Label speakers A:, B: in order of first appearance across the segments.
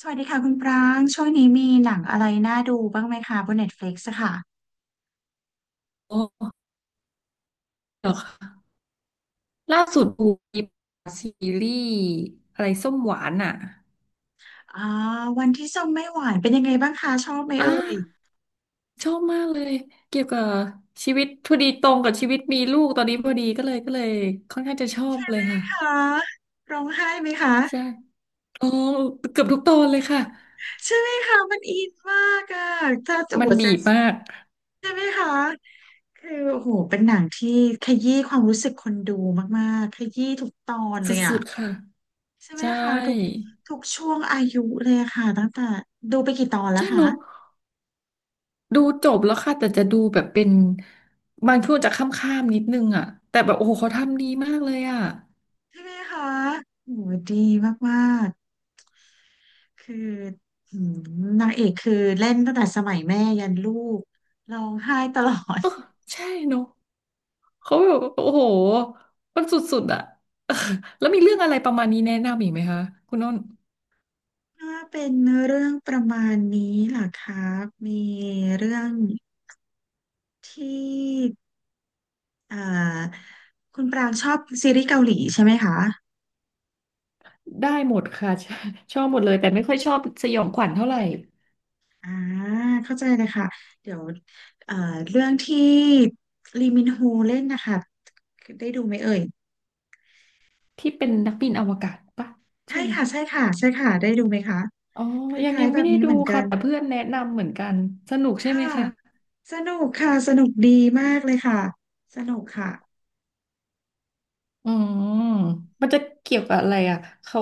A: สวัสดีค่ะคุณปรางช่วงนี้มีหนังอะไรน่าดูบ้างไหมคะบน Netflix อะค่ะ
B: โอ้เหรอคะล่าสุดดูมีซีรีส์อะไรส้มหวานอ่ะ
A: อ่าวันที่ส้มไม่หวานเป็นยังไงบ้างคะชอบไหม
B: อ่า
A: เอ่ย
B: ชอบมากเลยเกี่ยวกับชีวิตพอดีตรงกับชีวิตมีลูกตอนนี้พอดีก็เลยค่อนข้างจะชอบเลยค่ะ
A: คะร้องไห้ไหมคะ
B: ใช่อ๋อเกือบทุกตอนเลยค่ะ
A: ใช่ไหมคะมันอินมากอะ ถ้าจะ
B: มั
A: หั
B: น
A: วใจ
B: บีบมาก
A: ใช่ไหมคะคือโอ้โหเป็นหนังที่ขยี้ความรู้สึกคนดูมากๆขยี้ทุกตอน
B: ส
A: เลยอะ
B: ุดๆค่ะ
A: ใช่ไหม
B: ใช่
A: คะทุกช่วงอายุเลยอะค่ะตั้งแต่ดูไปกี่ตอนแล้ว
B: ใช่เน
A: คะ
B: อะดูจบแล้วค่ะแต่จะดูแบบเป็นบางช่วงจะข้ามๆนิดนึงอ่ะแต่แบบโอ้โหเขาทำดีมากเลยอ่ะ
A: ใช่ไหมคะโหดีมาก คือหืมนางเอกคือเล่นตั้งแต่สมัยแม่ยันลูกร้องไห้ตลอด
B: เออใช่เนอะ เขาแบบโอ้โหมันสุดๆอะ เออแล้วมีเรื่องอะไรประมาณนี้แนะนำอีกไหมคะคุณน้น
A: ถ้าเป็นเรื่องประมาณนี้ล่ะครับมีเรื่องที่เอ่อคุณปรางชอบซีรีส์เกาหลีใช่ไหมคะ
B: ได้หมดค่ะ ชอบชอบหมดเลยแต่ไม่ค่อยชอบสยองขวัญเท่าไหร่
A: อ่าเข้าใจเลยค่ะเดี๋ยวเอ่อเรื่องที่ลีมินโฮเล่นนะคะได้ดูไหมเอ่ย
B: ที่เป็นนักบินอวกาศปะใช่
A: ใช่
B: ไหม
A: ค่ะใช่ค่ะใช่ค่ะได้ดูไหมคะ
B: อ๋อ
A: คล
B: ยัง
A: ้า
B: ยั
A: ย
B: ง
A: ๆแบ
B: ไม่
A: บ
B: ได้
A: นี้
B: ดู
A: เหมือนกั
B: ค่ะ
A: น
B: แต่เพื่อนแนะนำเหมือนกันสนุกใช่
A: ค่ะ
B: ไหมคะ
A: สนุกค่ะสนุกดีมากเลยค่ะสนุกค่ะ
B: อืมมันจะเกี่ยวกับอะไรอ่ะเขา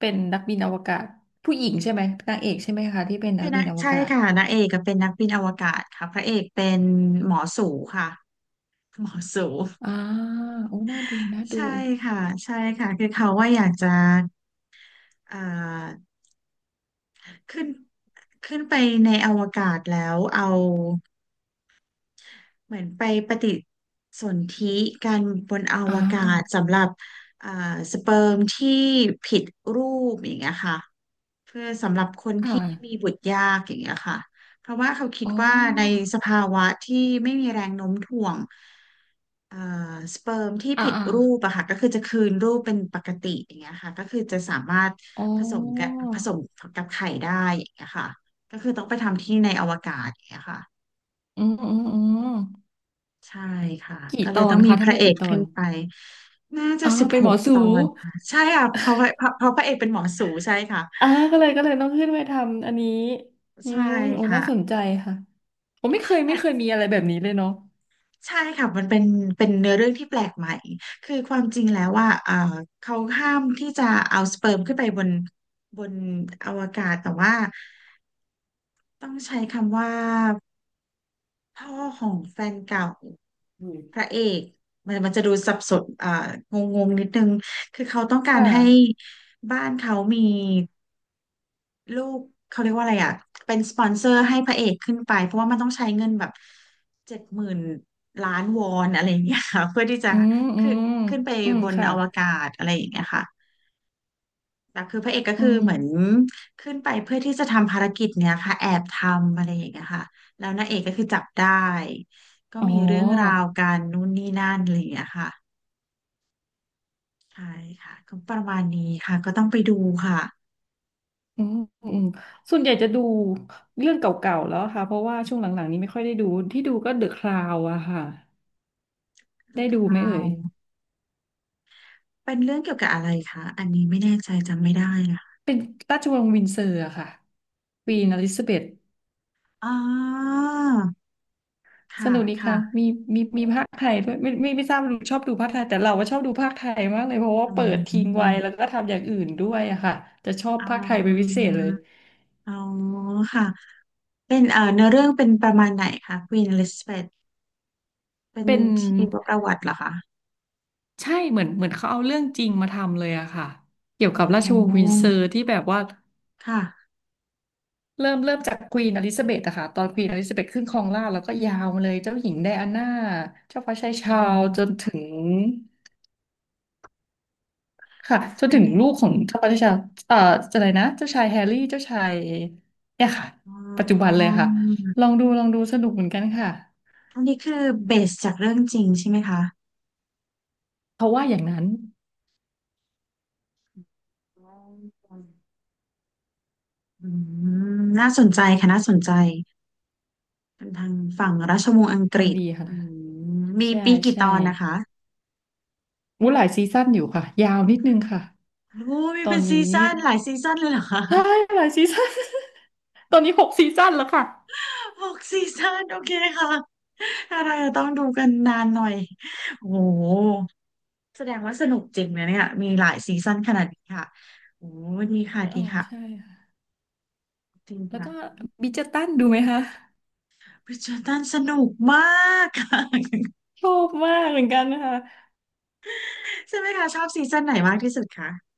B: เป็นนักบินอวกาศผู้หญิงใช่ไหมนางเอกใช่ไหมคะที่เป็นนั
A: เป็
B: ก
A: น
B: บิ
A: นั
B: น
A: ก
B: อว
A: ใช่
B: กาศ
A: ค่ะนางเอกก็เป็นนักบินอวกาศค่ะพระเอกเป็นหมอสูค่ะหมอสู
B: อ่าโอ้น่าดูน่าดู
A: ใช่ค่ะใช่ค่ะคือเขาว่าอยากจะเอ่อขึ้นขึ้นไปในอวกาศแล้วเอาเหมือนไปปฏิสนธิกันบนอ
B: อ่า
A: วกาศสำหรับเอ่อสเปิร์มที่ผิดรูปอย่างเงี้ยค่ะ เพื่อสำหรับคน
B: ค่ะ
A: ที่มีบุตรยากอย่างเงี้ยค่ะเพราะว่าเขาคิด
B: อ๋อ
A: ว่าในสภาวะที่ไม่มีแรงโน้มถ่วงเอ่อสเปิร์มที่
B: อ่า
A: ผิด
B: อ่า
A: รูปอะค่ะก็คือจะคืนรูปเป็นปกติอย่างเงี้ยค่ะก็คือจะสามารถ
B: อ๋
A: ผสมกับ
B: อ
A: ผสมกับไข่ได้อย่างเงี้ยค่ะก็คือต้องไปทำที่ในอวกาศอย่างเงี้ยค่ะ
B: อืมอืมอืม
A: ใช่ค่ะ
B: กี่
A: ก็เล
B: ต
A: ย
B: อ
A: ต้อ
B: น
A: งมี
B: คะ
A: พ
B: ทั้งห
A: ระ
B: มด
A: เอก
B: กี่ตอ
A: ขึ้
B: น
A: นไปน่าจะ
B: อ๋อ
A: สิบ
B: เป็น
A: ห
B: หม
A: ก
B: อสู
A: ตอนค่ะใช่ค่ะเพราะว่าเพราะพระเอกเป็นหมอสูใช่ค่ะ
B: อ่าก็เลยต้องขึ้นไปทำอันนี้อื
A: ใช่
B: มโอ้
A: ค่ะ
B: น่าสนใจค่ะผมไม่เคยมีอะไรแบบนี้เลยเนาะ
A: ใช่ค่ะมันเป็นเนื้อเรื่องที่แปลกใหม่คือความจริงแล้วว่าเขาห้ามที่จะเอาสเปิร์มขึ้นไปบนบนอวกาศแต่ว่าต้องใช้คำว่าพ่อของแฟนเก่า
B: อืม
A: พระเอกมันจะดูสับสนอ่างงงๆนิดนึงคือเขาต้องกา
B: ค่
A: รให้
B: ะ
A: บ้านเขามีลูกเขาเรียกว่าอะไรอ่ะเป็นสปอนเซอร์ให้พระเอกขึ้นไปเพราะว่ามันต้องใช้เงินแบบ70,000 ล้านวอนอะไรอย่างเงี้ยค่ะเพื่อที่จะ
B: อืมอื
A: คือ
B: ม
A: ขึ้นไป
B: อืม
A: บน
B: ค่ะ
A: อวกาศอะไรอย่างเงี้ยค่ะ แต่คือพระเอกก็
B: อื
A: คือ
B: ม
A: เหมือนขึ้นไปเพื่อที่จะทำภารกิจเนี้ยค่ะแอบทำอะไรอย่างเงี้ยค่ะแล้วนางเอกก็คือจับได้ก็
B: อ๋อ
A: มีเรื่องราวกันนู่นนี่นั่นอะไรอย่างเงี้ยค่ะใช่ค่ะก็ประมาณนี้ค่ะก็ต้องไปดูค่ะ
B: อืมอืมส่วนใหญ่จะดูเรื่องเก่าๆแล้วค่ะเพราะว่าช่วงหลังๆนี้ไม่ค่อยได้ดูที่ดูก็เดอะคราวอะค่ะ
A: The
B: ได้ดูไหมเอ่ย
A: Crown เป็นเรื่องเกี่ยวกับอะไรคะอันนี้ไม่แน่ใจจำไม่ได้นะคะ
B: เป็นราชวงศ์วินเซอร์อะค่ะควีนอลิซาเบธ
A: อ๋อ
B: ส
A: ค่ะ
B: นุกดีค่ะ
A: ค่ะ
B: มีมีภาคไทยด้วยไม่ไม่ทราบว่าชอบดูภาคไทยแต่เราว่าชอบดูภาคไทยมากเลยเพราะว่า
A: อื
B: เปิ
A: ม
B: ด
A: อื
B: ทิ้งไว้
A: ม
B: แล้วก็ทำอย่างอื่นด้วยอะค่ะจะชอบภาคไทยเป็นพิเศษเลย
A: อ๋อค่ะเป็นเนื้อเรื่องเป็นประมาณไหนคะ Queen Elizabeth เป็น
B: เป็น
A: ชีวประวัติเหรอคะ
B: ใช่เหมือนเขาเอาเรื่องจริงมาทำเลยอะค่ะเกี่ยว
A: อ๋
B: กับราชวงศ์วิน
A: อ
B: เซอร์ที่แบบว่า
A: ค่ะ
B: เริ่มจากควีนอลิซาเบธอะค่ะตอนควีนอลิซาเบธขึ้นครองราชย์แล้วก็ยาวมาเลยเจ้าหญิงไดอาน่าเจ้าฟ้าชาย
A: อื
B: ชาร์ลส์จน
A: ม
B: ถึง ค่ะจน
A: อั
B: ถึ
A: น
B: ง
A: นี้
B: ลูกของพระราชาเอ่ออะไรนะเจ้าชายแฮร์รี่เจ้าชายเนี่ยค่ะ
A: อ๋
B: ปัจจุบัน
A: อ
B: เลยค่ะลองดูลองดูสนุกเหมือนกันค่ะ
A: อันนี้คือเบสจากเรื่องจริงใช่ไหมคะ
B: เขาว่าอย่างนั้น
A: อ๋ออืมน่าสนใจค่ะน่าสนใจ เป็นทางฝั่งราชวงศ์อังกฤษ
B: ทำดีค่ะ
A: อืมมี
B: ใช่
A: ปีกี่ต
B: ใช่
A: อนนะคะ
B: วุ้หลายซีซั่นอยู่ค่ะยาวนิดนึงค่ะ
A: โอ้มี
B: ตอ
A: เป็
B: น
A: นซี
B: นี้
A: ซั่นหลายซีซั่นเลยเหรอคะ
B: ใช่หลายซีซั่น ตอนนี้หกซีซั่นแล้วค่ะ
A: 6ซีซั่นโอเคค่ะอะไรอะต้องดูกันนานหน่อย โอ้โห แสดงว่าสนุกจริงนะเนี่ยมีหลายซีซั่นขนาดนี้ค่ะโอ้ดีค่ะดี
B: อ๋อ
A: ค่ะ
B: ใช่ค่ะ
A: จริง
B: แล้ว
A: ค่ะ
B: ก็บิดเจอร์ตันดูไหมคะ
A: ริชาร์ดตันสนุกมากค่ะ
B: ชอบมากเหมือนกันนะคะ
A: ใช่ไหมคะชอบซีซั่นไหนมากที่สุดคะ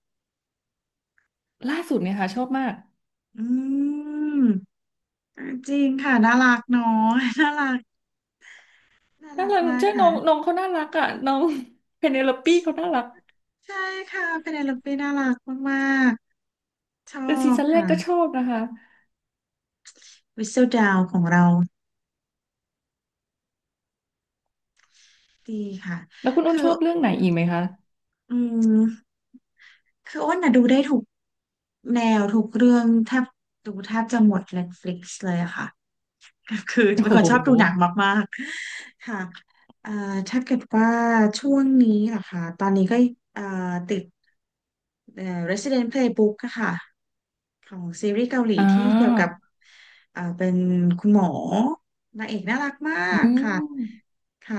B: ล่าสุดเนี่ยค่ะชอบมาก
A: อืมจริงค่ะ น่ารักเนาะน่ารักน่า
B: น่า
A: รัก
B: รัก
A: มาก
B: ใช่น้อ
A: ค่ะ
B: งน้องเขาน่ารักอ่ะน้อง เพเนโลอปี้เขาน่ารัก
A: ใช่ค่ะเป็นเอลปีน่ารักมากๆชอ
B: แต่ซี
A: บ
B: ซั่นแร
A: ค่ะ
B: กก็ชอบนะคะ
A: Whistle Down ของเราดีค่ะ
B: แล้วคุณอ้
A: คื
B: น
A: อ
B: ชอบเรื่องไหนอีกไหมคะ
A: อืม คืออ้นน่ะดูได้ทุกแนวทุกเรื่องแทบดูแทบจะหมด Netflix เลยอะค่ะ คือ
B: โอ้
A: เป็นค
B: โ
A: นชอบ
B: ห
A: ดูหนังมากๆค่ะเอ่อถ้าเกิดว่าช่วงนี้นะคะตอนนี้ก็เอ่อติดResident Playbook อะค่ะของซีรีส์เกาหลี
B: อ่
A: ที่เกี่ยว
B: า
A: กับเป็นคุณหมอนางเอกน่ารักมา
B: อื
A: กค่ะ
B: ม
A: ค่ะ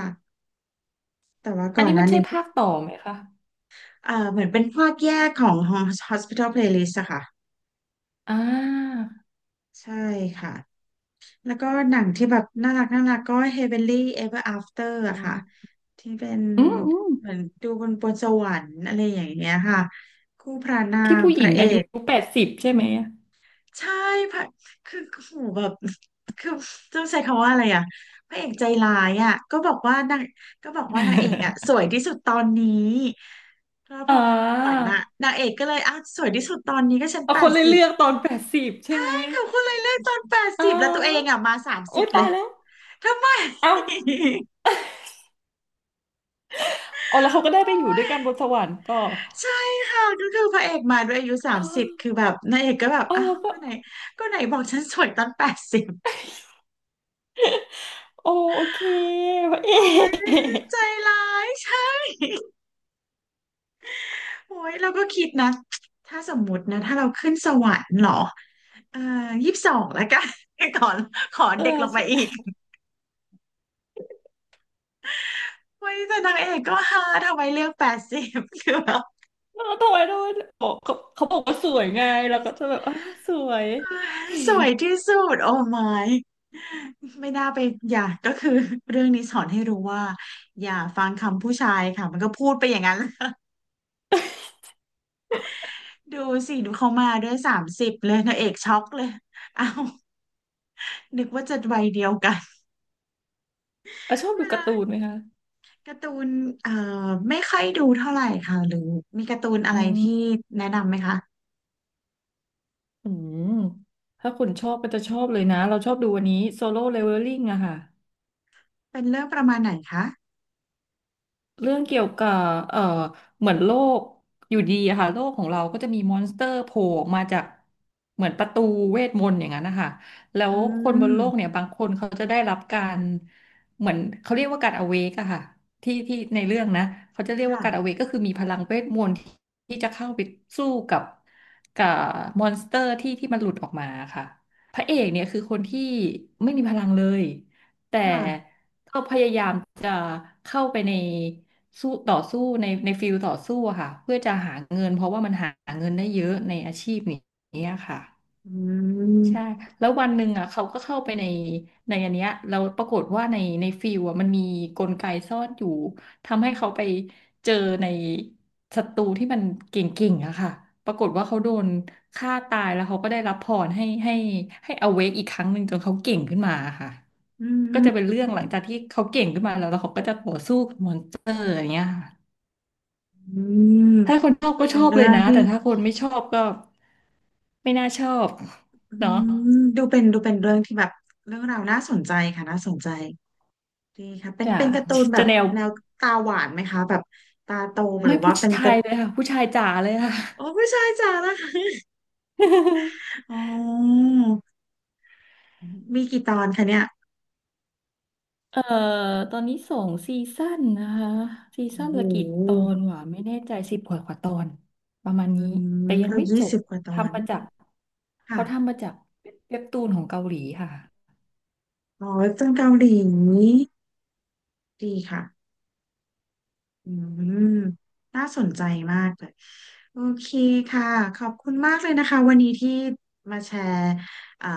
A: แต่ว่า
B: อั
A: ก่
B: น
A: อน
B: นี้
A: ห
B: มั
A: น้า
B: นใช่
A: นี้
B: ภาคต่อไหมคะ
A: เหมือนเป็นภาคแยกของ Hospital Playlist อะค่ะ
B: อ่า
A: ใช่ค่ะแล้วก็หนังที่แบบน่ารักน่ารักก็ Heavenly Ever After
B: อื
A: อะค่ะ
B: ม
A: ที่เป็น
B: อืมอืม
A: เหมือนดูบนสวรรค์อะไรอย่างเงี้ยค่ะคู่พระนา
B: ที่
A: ง
B: ผู้
A: พ
B: หญิง
A: ระเอ
B: อายุ
A: ก
B: แปดสิบใช่ไหม
A: ใช่พระคือโอ้โหแบบคือต้องใช้คำว่าอะไรอะพระเอกใจร้ายอะก็บอกว่านางก็บอกว่านางเอกอะสวยที่สุดตอนนี้แล้ว พ
B: อ่
A: อขึ้นสวรร
B: า
A: ค์อะนางเอกก็เลยอ้าวสวยที่สุดตอนนี้ก็ฉัน
B: เอา
A: แป
B: คน
A: ด
B: เลย
A: สิบ
B: เลือกตอนแปดสิบใช่ไหม
A: เขาก็เลยเลือกตอนแปด
B: อ่
A: สิบแล้วตัวเอง
B: า
A: อะมาสามสิ
B: อุ้
A: บ
B: ย
A: เล
B: ตา
A: ย
B: ยแล้ว
A: ทำไม
B: เอ้าเอาแล้วเขาก็ได้ไปอยู่ด้วยกันบนสวรรค์ก็
A: ใช่ค่ะก็คือพระเอกมาด้วยอายุสา
B: อ๋
A: มสิบ
B: อ
A: คือแบบนางเอกก็แบบ
B: อ๋อ
A: อ้าว
B: แล้วก็
A: ก็ไหนบอกฉันสวยตอนแปดสิบ
B: โอโอเคพระเอ
A: โอ้ยใจ
B: ก
A: ร้ายใช่โอ้ยเราก็คิดนะถ้าสมมุตินะถ้าเราขึ้นสวรรค์เหรอเอ่อ22แล้วกัน ขอขอ
B: เออ
A: เด็กลงไปอี
B: ใช่
A: กเฮ้ยแต่นางเอกก็ฮาทำไมเลือกแปดสิบ คือแบบ
B: เออทำไมทำไมบอกเขาบอกว่าสวยไงเราก็จะแบบอ่าสวย
A: สวยที่สุดโอ้ my ไม่น่าไปอย่าก็คือเรื่องนี้สอนให้รู้ว่าอย่าฟังคำผู้ชายค่ะมันก็พูดไปอย่างนั้น ดูสิดูเขามาด้วยสามสิบเลยนางเอกช็อกเลย เอาวนึกว่าจะวัยเดียวกัน
B: อ่ะชอ บ
A: เว
B: ดูกา
A: ลา
B: ร์ตูนไหมคะ
A: การ์ตูนเอ่ไม่ค่อยดูเท่าไหร่ค่ะหรือมีการ์ตูนอะ
B: อื
A: ไรที่
B: ม
A: แนะนำไหมคะ
B: อืมถ้าคุณชอบก็จะชอบเลยนะเราชอบดูวันนี้โซโล่เลเวลลิ่งอะค่ะ
A: เป็นเรื่องประมาณไหนคะ
B: เรื่องเกี่ยวกับเอ่อเหมือนโลกอยู่ดีอะค่ะโลกของเราก็จะมีมอนสเตอร์โผล่ออกมาจากเหมือนประตูเวทมนต์อย่างนั้นนะคะแล้
A: อื
B: วคนบน
A: ม
B: โลกเนี่ยบางคนเขาจะได้รับการเหมือนเขาเรียกว่าการอเวกอะค่ะที่ในเรื่องนะเขาจะเรียกว่าการอ
A: ค่ะ
B: เวกก็คือมีพลังเวทมนต์ที่ที่จะเข้าไปสู้กับมอนสเตอร์ที่มันหลุดออกมาค่ะพระเอกเนี่ยคือคนที่ไม่มีพลังเลยแต่
A: ค่ะ
B: ก็พยายามจะเข้าไปในสู้ต่อสู้ในฟิลต่อสู้อะค่ะเพื่อจะหาเงินเพราะว่ามันหาเงินได้เยอะในอาชีพนี้ค่ะ
A: อื
B: ใช่
A: ม
B: แล้ววันหนึ่งอ่ะเขาก็เข้าไปในอันเนี้ยเราปรากฏว่าในฟิลอ่ะมันมีกลไกซ่อนอยู่ทำให้เขาไปเจอในศัตรูที่มันเก่งๆอะค่ะปรากฏว่าเขาโดนฆ่าตายแล้วเขาก็ได้รับพรให้อเวกอีกครั้งหนึ่งจนเขาเก่งขึ้นมาค่ะ
A: อื
B: ก็
A: ม
B: จะเป็นเรื่องหลังจากที่เขาเก่งขึ้นมาแล้วแล้วเขาก็จะต่อสู้กับมอนสเตอร์อย่างเงี้ยค่ะ
A: อืม
B: ถ้าคนชอบ
A: ดู
B: ก็ช
A: เป็
B: อ
A: น
B: บเล
A: เรื่อ
B: ย
A: ง
B: นะ
A: ที่
B: แต่ถ้าคนไม่ชอบก็ไม่น่าชอบ
A: อื
B: เนาะ
A: มดูเป็นเรื่องที่แบบเรื่องราวน่าสนใจค่ะน่าสนใจดีค่ะเป็น
B: จ้ะ
A: การ์ตูนแบ
B: จะ
A: บ
B: แนว
A: แนวตาหวานไหมคะแบบตาโตหรื
B: ไม่
A: อว่า
B: ผู้
A: เป็
B: ช
A: น
B: า
A: กา
B: ย
A: ร์
B: เลยค่ะผู้ชายจ๋าเลยค่ะ
A: โอ้ผู้ชายจ๋าละ อ๋อมีกี่ตอนคะเนี่ย
B: เอ่อตอนนี้สองซีซั่นนะคะซี
A: โอ้
B: ซั่น
A: โห
B: ละกี่ตอนวะไม่แน่ใจสิบกว่าตอนประมาณ
A: อื
B: นี้
A: ม
B: แต่ยัง
A: ก็
B: ไม่
A: ยี่
B: จบ
A: สิบกว่าตอน
B: ทำมาจาก
A: ค่ะ
B: เขาทำมาจากเว็บตูนของเกาหลีค่ะ
A: อ๋อจังเกาหลีดีค่ะ อืมน่าสนใจมากเลยโอเคค่ะขอบคุณมากเลยนะคะวันนี้ที่มาแชร์เอ่อ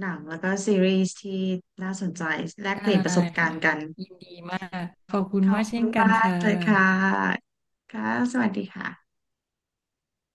A: หนังแล้วก็ซีรีส์ที่น่าสนใจแลก
B: ได้
A: เปลี่ยนประสบการ
B: ค่ะ
A: ณ์กัน
B: ยินดีมากขอบคุณ
A: ขอ
B: มา
A: บ
B: กเช่
A: คุ
B: น
A: ณ
B: กัน
A: มาก
B: ค่ะ
A: เลยค่ะค่ะสวัสดีค่ะ